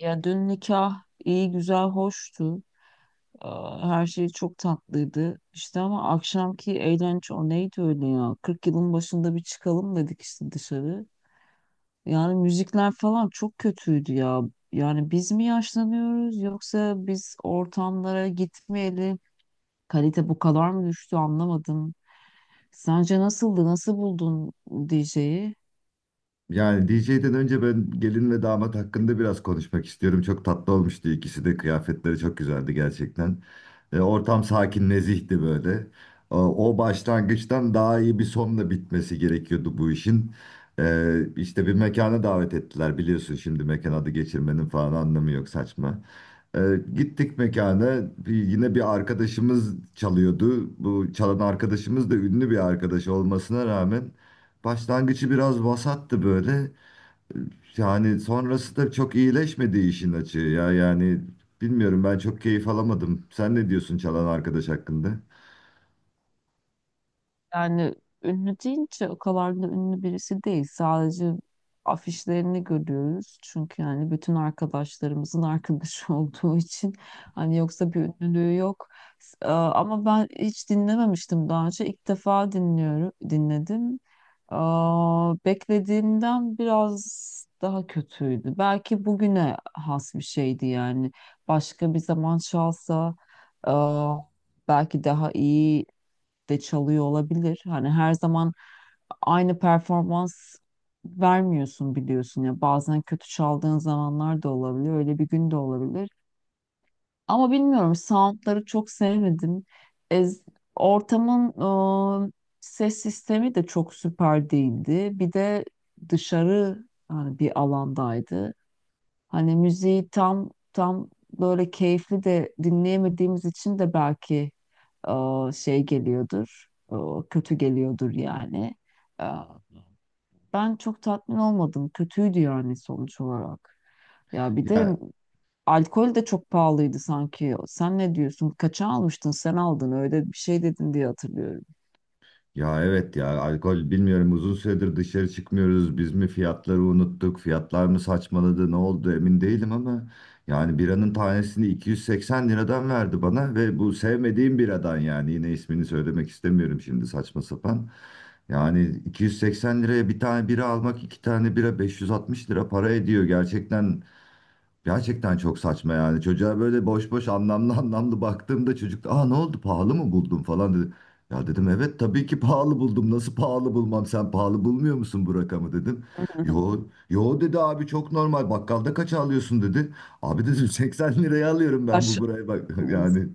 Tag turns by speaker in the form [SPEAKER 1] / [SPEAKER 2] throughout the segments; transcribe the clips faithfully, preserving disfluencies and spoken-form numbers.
[SPEAKER 1] Ya dün nikah iyi güzel hoştu. Aa, Her şey çok tatlıydı. İşte ama akşamki eğlence o neydi öyle ya? Kırk yılın başında bir çıkalım dedik işte dışarı. Yani müzikler falan çok kötüydü ya. Yani biz mi yaşlanıyoruz yoksa biz ortamlara gitmeyeli kalite bu kadar mı düştü anlamadım. Sence nasıldı? Nasıl buldun D J'yi?
[SPEAKER 2] Yani D J'den önce ben gelin ve damat hakkında biraz konuşmak istiyorum. Çok tatlı olmuştu ikisi de. Kıyafetleri çok güzeldi gerçekten. E, ortam sakin, nezihti böyle. E, o başlangıçtan daha iyi bir sonla bitmesi gerekiyordu bu işin. E, işte bir mekana davet ettiler. Biliyorsun şimdi mekan adı geçirmenin falan anlamı yok, saçma. E, Gittik mekana. Bir- yine bir arkadaşımız çalıyordu. Bu çalan arkadaşımız da ünlü bir arkadaş olmasına rağmen... Başlangıcı biraz vasattı böyle. Yani sonrası da çok iyileşmedi işin açığı ya. Yani bilmiyorum, ben çok keyif alamadım. Sen ne diyorsun çalan arkadaş hakkında?
[SPEAKER 1] Yani ünlü deyince o kadar da ünlü birisi değil. Sadece afişlerini görüyoruz. Çünkü yani bütün arkadaşlarımızın arkadaşı olduğu için hani yoksa bir ünlülüğü yok. S- e, Ama ben hiç dinlememiştim daha önce. İlk defa dinliyorum, dinledim. Aa, Beklediğimden biraz daha kötüydü. Belki bugüne has bir şeydi yani. Başka bir zaman çalsa belki daha iyi de çalıyor olabilir. Hani her zaman aynı performans vermiyorsun biliyorsun ya. Bazen kötü çaldığın zamanlar da olabilir. Öyle bir gün de olabilir. Ama bilmiyorum soundları çok sevmedim. Ez- ortamın e, ses sistemi de çok süper değildi. Bir de dışarı hani bir alandaydı. Hani müziği tam tam böyle keyifli de dinleyemediğimiz için de belki e, şey geliyordur, e, kötü geliyordur yani. E, ben çok tatmin olmadım. Kötüydü yani sonuç olarak. Ya bir de
[SPEAKER 2] Ya
[SPEAKER 1] alkol de çok pahalıydı sanki. Sen ne diyorsun? Kaça almıştın? Sen aldın. Öyle bir şey dedin diye hatırlıyorum.
[SPEAKER 2] Ya evet ya, alkol bilmiyorum, uzun süredir dışarı çıkmıyoruz. Biz mi fiyatları unuttuk? Fiyatlar mı saçmaladı? Ne oldu emin değilim ama yani biranın tanesini iki yüz seksen liradan verdi bana ve bu sevmediğim biradan, yani yine ismini söylemek istemiyorum şimdi, saçma sapan. Yani iki yüz seksen liraya bir tane bira almak, iki tane bira beş yüz altmış lira para ediyor. Gerçekten Gerçekten çok saçma yani. Çocuğa böyle boş boş, anlamlı anlamlı baktığımda çocuk da aa ne oldu, pahalı mı buldum falan dedi. Ya dedim, evet tabii ki pahalı buldum. Nasıl pahalı bulmam, sen pahalı bulmuyor musun bu rakamı dedim. Yo, yo dedi abi, çok normal, bakkalda kaça alıyorsun dedi. Abi dedim seksen liraya alıyorum ben, bu buraya bak
[SPEAKER 1] Aş
[SPEAKER 2] yani.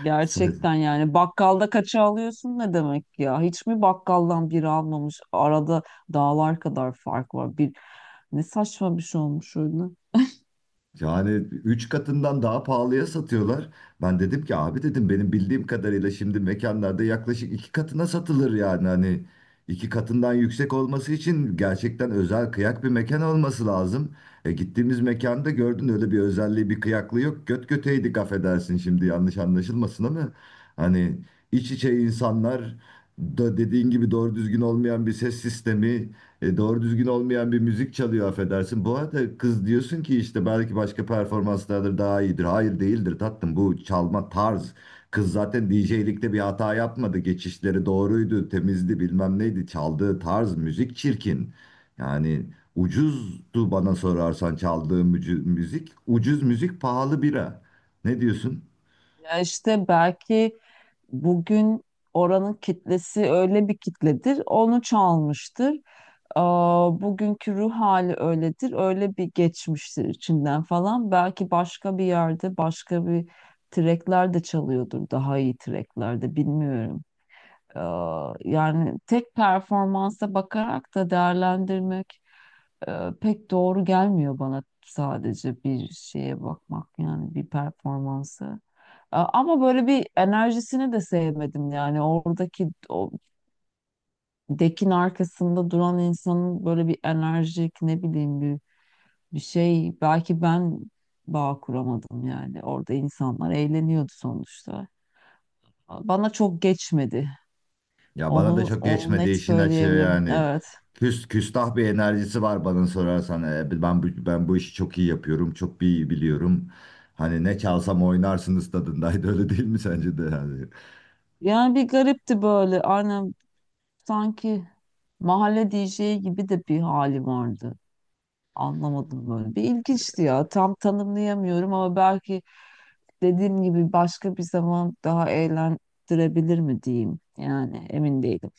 [SPEAKER 1] Gerçekten yani bakkalda kaça alıyorsun ne demek ya? Hiç mi bakkaldan biri almamış? Arada dağlar kadar fark var. Bir ne saçma bir şey olmuş öyle.
[SPEAKER 2] Yani üç katından daha pahalıya satıyorlar. Ben dedim ki abi dedim, benim bildiğim kadarıyla şimdi mekanlarda yaklaşık iki katına satılır yani, hani iki katından yüksek olması için gerçekten özel kıyak bir mekan olması lazım. E gittiğimiz mekanda gördün, öyle bir özelliği bir kıyaklığı yok. Göt göteydik affedersin, şimdi yanlış anlaşılmasın ama hani iç içe insanlar, da dediğin gibi doğru düzgün olmayan bir ses sistemi, e, doğru düzgün olmayan bir müzik çalıyor affedersin. Bu arada kız diyorsun ki işte belki başka performanslardır, daha iyidir. Hayır değildir tatlım, bu çalma tarz. Kız zaten D J'likte bir hata yapmadı. Geçişleri doğruydu, temizdi, bilmem neydi. Çaldığı tarz müzik çirkin. Yani ucuzdu bana sorarsan çaldığım müzik. Ucuz müzik, pahalı bira. Ne diyorsun?
[SPEAKER 1] Ya işte belki bugün oranın kitlesi öyle bir kitledir. Onu çalmıştır. Aa, bugünkü ruh hali öyledir. Öyle bir geçmiştir içinden falan. Belki başka bir yerde başka bir trackler de çalıyordur. Daha iyi tracklerde bilmiyorum. Ee, Yani tek performansa bakarak da değerlendirmek e, pek doğru gelmiyor bana sadece bir şeye bakmak yani bir performansı. Ee, Ama böyle bir enerjisini de sevmedim yani oradaki o dekin arkasında duran insanın böyle bir enerjik ne bileyim bir, bir şey belki ben bağ kuramadım yani orada insanlar eğleniyordu sonuçta. Bana çok geçmedi.
[SPEAKER 2] Ya bana da
[SPEAKER 1] Onu,
[SPEAKER 2] çok
[SPEAKER 1] onu
[SPEAKER 2] geçmedi
[SPEAKER 1] net
[SPEAKER 2] işin açığı
[SPEAKER 1] söyleyebilirim.
[SPEAKER 2] yani.
[SPEAKER 1] Evet.
[SPEAKER 2] Küs, küstah bir enerjisi var bana sorarsan. E, ben, bu- ben bu işi çok iyi yapıyorum, çok iyi biliyorum. Hani ne çalsam oynarsınız tadındaydı öyle değil mi sence de yani?
[SPEAKER 1] Yani bir garipti böyle. Aynen sanki mahalle D J'i gibi de bir hali vardı. Anlamadım böyle. Bir ilginçti ya. Tam tanımlayamıyorum ama belki dediğim gibi başka bir zaman daha eğlendirebilir mi diyeyim. Yani emin değilim.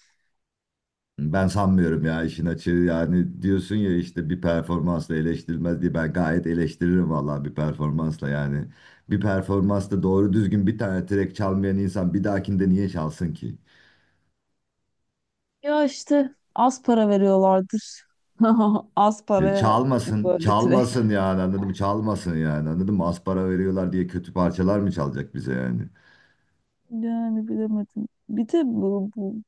[SPEAKER 2] Ben sanmıyorum ya işin açığı yani. Diyorsun ya işte bir performansla eleştirilmez diye, ben gayet eleştiririm vallahi bir performansla yani. Bir performansta doğru düzgün bir tane track çalmayan insan bir dahakinde niye çalsın ki?
[SPEAKER 1] Ya işte az para veriyorlardır. Az
[SPEAKER 2] E,
[SPEAKER 1] paraya
[SPEAKER 2] çalmasın,
[SPEAKER 1] böyle direkt.
[SPEAKER 2] çalmasın yani, anladım, çalmasın yani, anladım. Az para veriyorlar diye kötü parçalar mı çalacak bize yani?
[SPEAKER 1] Yani bilemedim. Bir de bu, bu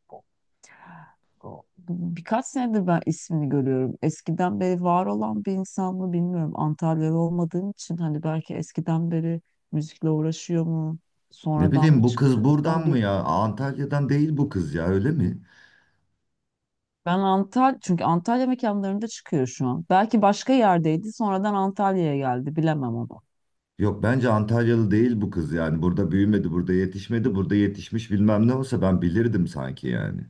[SPEAKER 1] O- Birkaç senedir ben ismini görüyorum. Eskiden beri var olan bir insan mı bilmiyorum. Antalyalı olmadığım için hani belki eskiden beri müzikle uğraşıyor mu?
[SPEAKER 2] Ne
[SPEAKER 1] Sonradan mı
[SPEAKER 2] bileyim, bu
[SPEAKER 1] çıktı?
[SPEAKER 2] kız buradan
[SPEAKER 1] Son
[SPEAKER 2] mı
[SPEAKER 1] bir
[SPEAKER 2] ya? Antalya'dan değil bu kız, ya öyle mi?
[SPEAKER 1] ben Antalya çünkü Antalya mekanlarında çıkıyor şu an. Belki başka yerdeydi, sonradan Antalya'ya geldi. Bilemem onu.
[SPEAKER 2] Yok bence Antalyalı değil bu kız yani. Burada büyümedi, burada yetişmedi, burada yetişmiş bilmem ne olsa ben bilirdim sanki yani.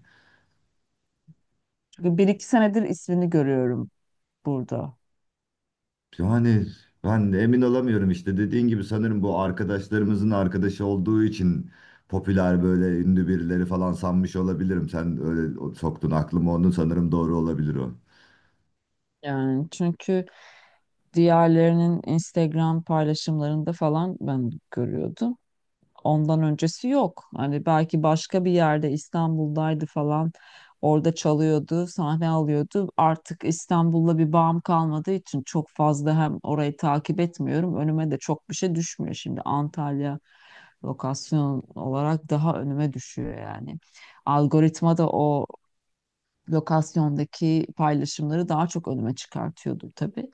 [SPEAKER 1] Çünkü bir iki senedir ismini görüyorum burada.
[SPEAKER 2] Yani ben de emin olamıyorum, işte dediğin gibi sanırım bu arkadaşlarımızın arkadaşı olduğu için popüler, böyle ünlü birileri falan sanmış olabilirim. Sen öyle soktun aklıma onu, sanırım doğru olabilir o.
[SPEAKER 1] Yani çünkü diğerlerinin Instagram paylaşımlarında falan ben görüyordum. Ondan öncesi yok. Hani belki başka bir yerde İstanbul'daydı falan. Orada çalıyordu, sahne alıyordu. Artık İstanbul'la bir bağım kalmadığı için çok fazla hem orayı takip etmiyorum. Önüme de çok bir şey düşmüyor şimdi. Antalya lokasyon olarak daha önüme düşüyor yani. Algoritma da o lokasyondaki paylaşımları daha çok önüme çıkartıyordu tabii.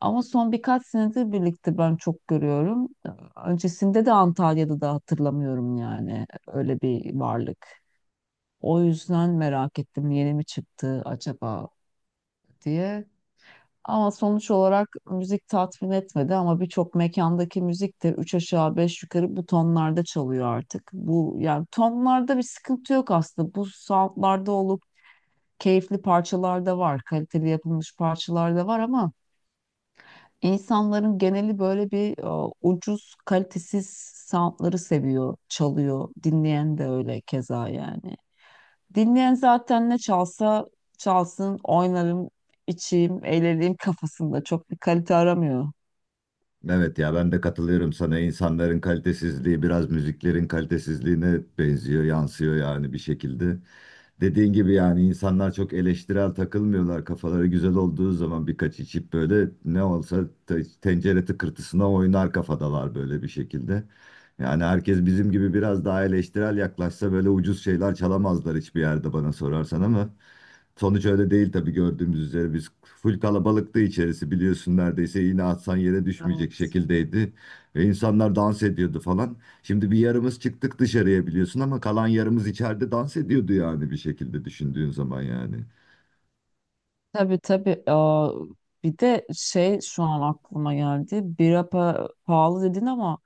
[SPEAKER 1] Ama son birkaç senedir birlikte ben çok görüyorum. Öncesinde de Antalya'da da hatırlamıyorum yani öyle bir varlık. O yüzden merak ettim yeni mi çıktı acaba diye. Ama sonuç olarak müzik tatmin etmedi ama birçok mekandaki müzik de üç aşağı beş yukarı bu tonlarda çalıyor artık. Bu yani tonlarda bir sıkıntı yok aslında. Bu soundlarda olup keyifli parçalar da var, kaliteli yapılmış parçalar da var ama insanların geneli böyle bir e, ucuz, kalitesiz soundları seviyor, çalıyor. Dinleyen de öyle keza yani. Dinleyen zaten ne çalsa çalsın, oynarım, içeyim, eğleneyim kafasında. Çok bir kalite aramıyor.
[SPEAKER 2] Evet ya, ben de katılıyorum sana. İnsanların kalitesizliği biraz müziklerin kalitesizliğine benziyor, yansıyor yani bir şekilde. Dediğin gibi yani insanlar çok eleştirel takılmıyorlar. Kafaları güzel olduğu zaman, birkaç içip böyle, ne olsa te- tencere tıkırtısına oynar kafadalar böyle bir şekilde. Yani herkes bizim gibi biraz daha eleştirel yaklaşsa böyle ucuz şeyler çalamazlar hiçbir yerde bana sorarsan ama. Sonuç öyle değil tabii, gördüğümüz üzere biz full kalabalıktı içerisi biliyorsun, neredeyse iğne atsan yere düşmeyecek
[SPEAKER 1] Evet.
[SPEAKER 2] şekildeydi. Ve insanlar dans ediyordu falan. Şimdi bir yarımız çıktık dışarıya biliyorsun ama kalan yarımız içeride dans ediyordu yani, bir şekilde düşündüğün zaman yani.
[SPEAKER 1] Tabii tabii. Aa, bir de şey şu an aklıma geldi. Bira pa- pahalı dedin ama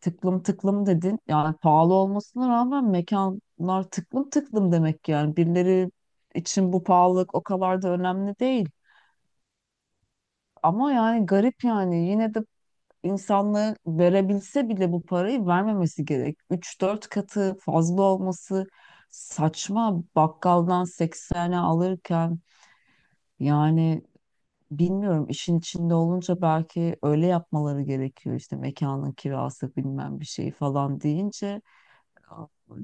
[SPEAKER 1] tıklım tıklım dedin. Yani pahalı olmasına rağmen mekanlar tıklım tıklım demek yani. Birileri için bu pahalılık o kadar da önemli değil. Ama yani garip yani yine de insanlığı verebilse bile bu parayı vermemesi gerek. Üç dört katı fazla olması saçma. Bakkaldan seksene alırken yani bilmiyorum işin içinde olunca belki öyle yapmaları gerekiyor işte mekanın kirası bilmem bir şey falan deyince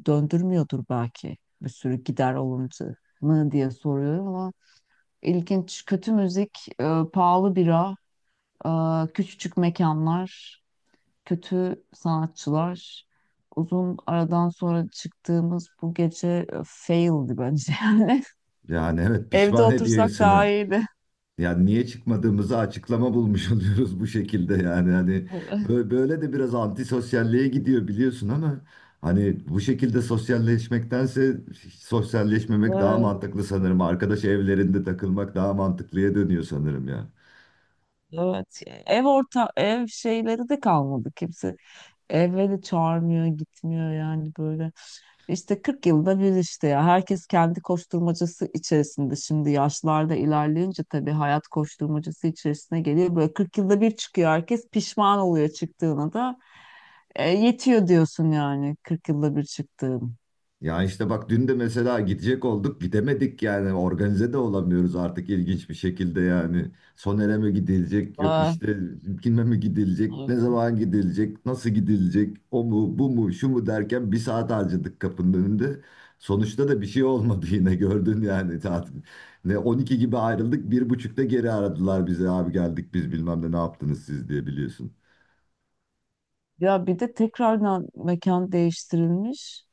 [SPEAKER 1] döndürmüyordur belki bir sürü gider alındı mı diye soruyorum ama ilginç kötü müzik, e, pahalı bira, e, küçücük mekanlar, kötü sanatçılar. Uzun aradan sonra çıktığımız bu gece e, faildi bence.
[SPEAKER 2] Yani evet,
[SPEAKER 1] Evde
[SPEAKER 2] pişman ediyor
[SPEAKER 1] otursak daha
[SPEAKER 2] insanı.
[SPEAKER 1] iyiydi.
[SPEAKER 2] Yani niye çıkmadığımızı açıklama bulmuş oluyoruz bu şekilde yani, hani bö- böyle de biraz antisosyalliğe gidiyor biliyorsun ama hani bu şekilde sosyalleşmektense hiç sosyalleşmemek daha
[SPEAKER 1] Evet,
[SPEAKER 2] mantıklı sanırım. Arkadaş evlerinde takılmak daha mantıklıya dönüyor sanırım ya.
[SPEAKER 1] evet. Ev orta ev şeyleri de kalmadı kimse. Eve de çağırmıyor, gitmiyor yani böyle. İşte kırk yılda bir işte ya herkes kendi koşturmacası içerisinde şimdi yaşlarda ilerleyince tabii hayat koşturmacası içerisine geliyor. Böyle kırk yılda bir çıkıyor herkes pişman oluyor çıktığına da E, yetiyor diyorsun yani kırk yılda bir çıktığın.
[SPEAKER 2] Ya işte bak, dün de mesela gidecek olduk, gidemedik yani, organize de olamıyoruz artık ilginç bir şekilde yani. Soner'e mi gidilecek, yok
[SPEAKER 1] Aa,
[SPEAKER 2] işte kime mi gidilecek, ne zaman gidilecek, nasıl gidilecek, o mu bu mu şu mu derken bir saat harcadık kapının önünde. Sonuçta da bir şey olmadı yine, gördün yani tatil. Ne on iki gibi ayrıldık, bir buçukta geri aradılar bize, abi geldik biz bilmem ne, ne yaptınız siz diye, biliyorsun.
[SPEAKER 1] ya bir de tekrardan mekan değiştirilmiş.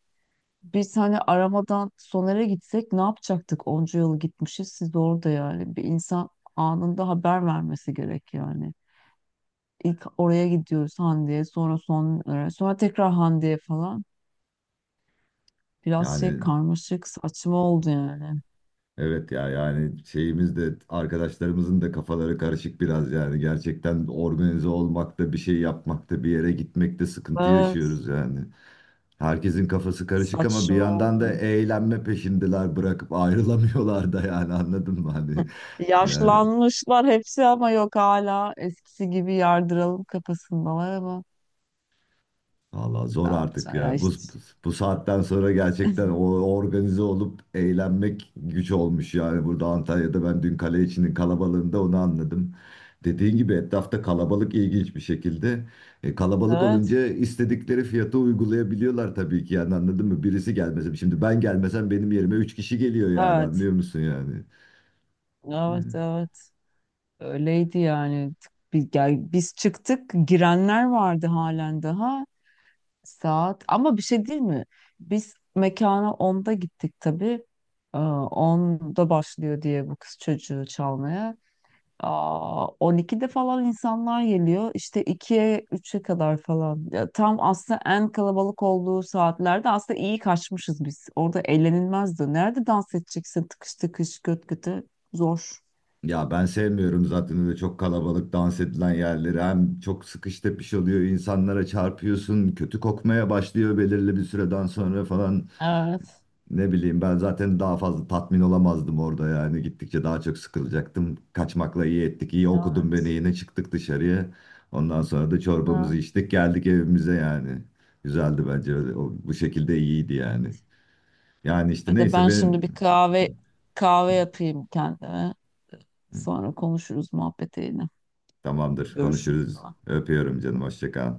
[SPEAKER 1] Biz hani aramadan Soner'e gitsek ne yapacaktık? Onca yıl gitmişiz siz orada yani. Bir insan anında haber vermesi gerek yani. İlk oraya gidiyoruz Hande'ye sonra sonlara sonra tekrar Hande'ye falan. Biraz şey
[SPEAKER 2] Yani
[SPEAKER 1] karmaşık saçma oldu yani.
[SPEAKER 2] evet ya, yani şeyimiz de, arkadaşlarımızın da kafaları karışık biraz yani, gerçekten organize olmakta, bir şey yapmakta, bir yere gitmekte sıkıntı
[SPEAKER 1] Evet,
[SPEAKER 2] yaşıyoruz yani. Herkesin kafası karışık ama bir
[SPEAKER 1] saçma
[SPEAKER 2] yandan da
[SPEAKER 1] oldu.
[SPEAKER 2] eğlenme peşindeler, bırakıp ayrılamıyorlar da, yani anladın mı hani yani.
[SPEAKER 1] Yaşlanmışlar hepsi ama yok hala eskisi gibi yardıralım kafasındalar ama
[SPEAKER 2] Valla
[SPEAKER 1] ne
[SPEAKER 2] zor artık
[SPEAKER 1] yapacağız ya
[SPEAKER 2] ya. Bu,
[SPEAKER 1] işte.
[SPEAKER 2] bu saatten sonra gerçekten o organize olup eğlenmek güç olmuş yani. Burada Antalya'da ben dün kale içinin kalabalığında onu anladım. Dediğin gibi, etrafta kalabalık ilginç bir şekilde. E, kalabalık
[SPEAKER 1] Evet,
[SPEAKER 2] olunca istedikleri fiyatı uygulayabiliyorlar tabii ki yani, anladın mı? Birisi gelmesin. Şimdi ben gelmesem benim yerime üç kişi geliyor yani,
[SPEAKER 1] evet,
[SPEAKER 2] anlıyor musun yani?
[SPEAKER 1] evet,
[SPEAKER 2] Yani.
[SPEAKER 1] evet, öyleydi yani. Bir, gel- biz çıktık girenler vardı halen daha. Saat ama bir şey değil mi? Biz mekana onda gittik tabii. Ee, onda başlıyor diye bu kız çocuğu çalmaya. Aa, on ikide falan insanlar geliyor. İşte ikiye, üçe kadar falan. Ya, tam aslında en kalabalık olduğu saatlerde aslında iyi kaçmışız biz. Orada eğlenilmezdi. Nerede dans edeceksin tıkış tıkış göt göte? Zor.
[SPEAKER 2] Ya ben sevmiyorum zaten öyle çok kalabalık dans edilen yerleri. Hem çok sıkış tepiş oluyor, insanlara çarpıyorsun, kötü kokmaya başlıyor belirli bir süreden sonra falan.
[SPEAKER 1] Evet.
[SPEAKER 2] Ne bileyim, ben zaten daha fazla tatmin olamazdım orada yani. Gittikçe daha çok sıkılacaktım. Kaçmakla iyi ettik, iyi okudun beni,
[SPEAKER 1] Evet.
[SPEAKER 2] yine çıktık dışarıya. Ondan sonra da çorbamızı
[SPEAKER 1] Evet.
[SPEAKER 2] içtik, geldik evimize yani. Güzeldi bence öyle. O, bu şekilde iyiydi yani. Yani işte
[SPEAKER 1] Ya da
[SPEAKER 2] neyse
[SPEAKER 1] ben şimdi bir
[SPEAKER 2] benim...
[SPEAKER 1] kahve kahve yapayım kendime. Sonra konuşuruz muhabbet yine.
[SPEAKER 2] Tamamdır,
[SPEAKER 1] Görüşürüz o
[SPEAKER 2] konuşuruz.
[SPEAKER 1] zaman.
[SPEAKER 2] Öpüyorum canım, hoşça kal.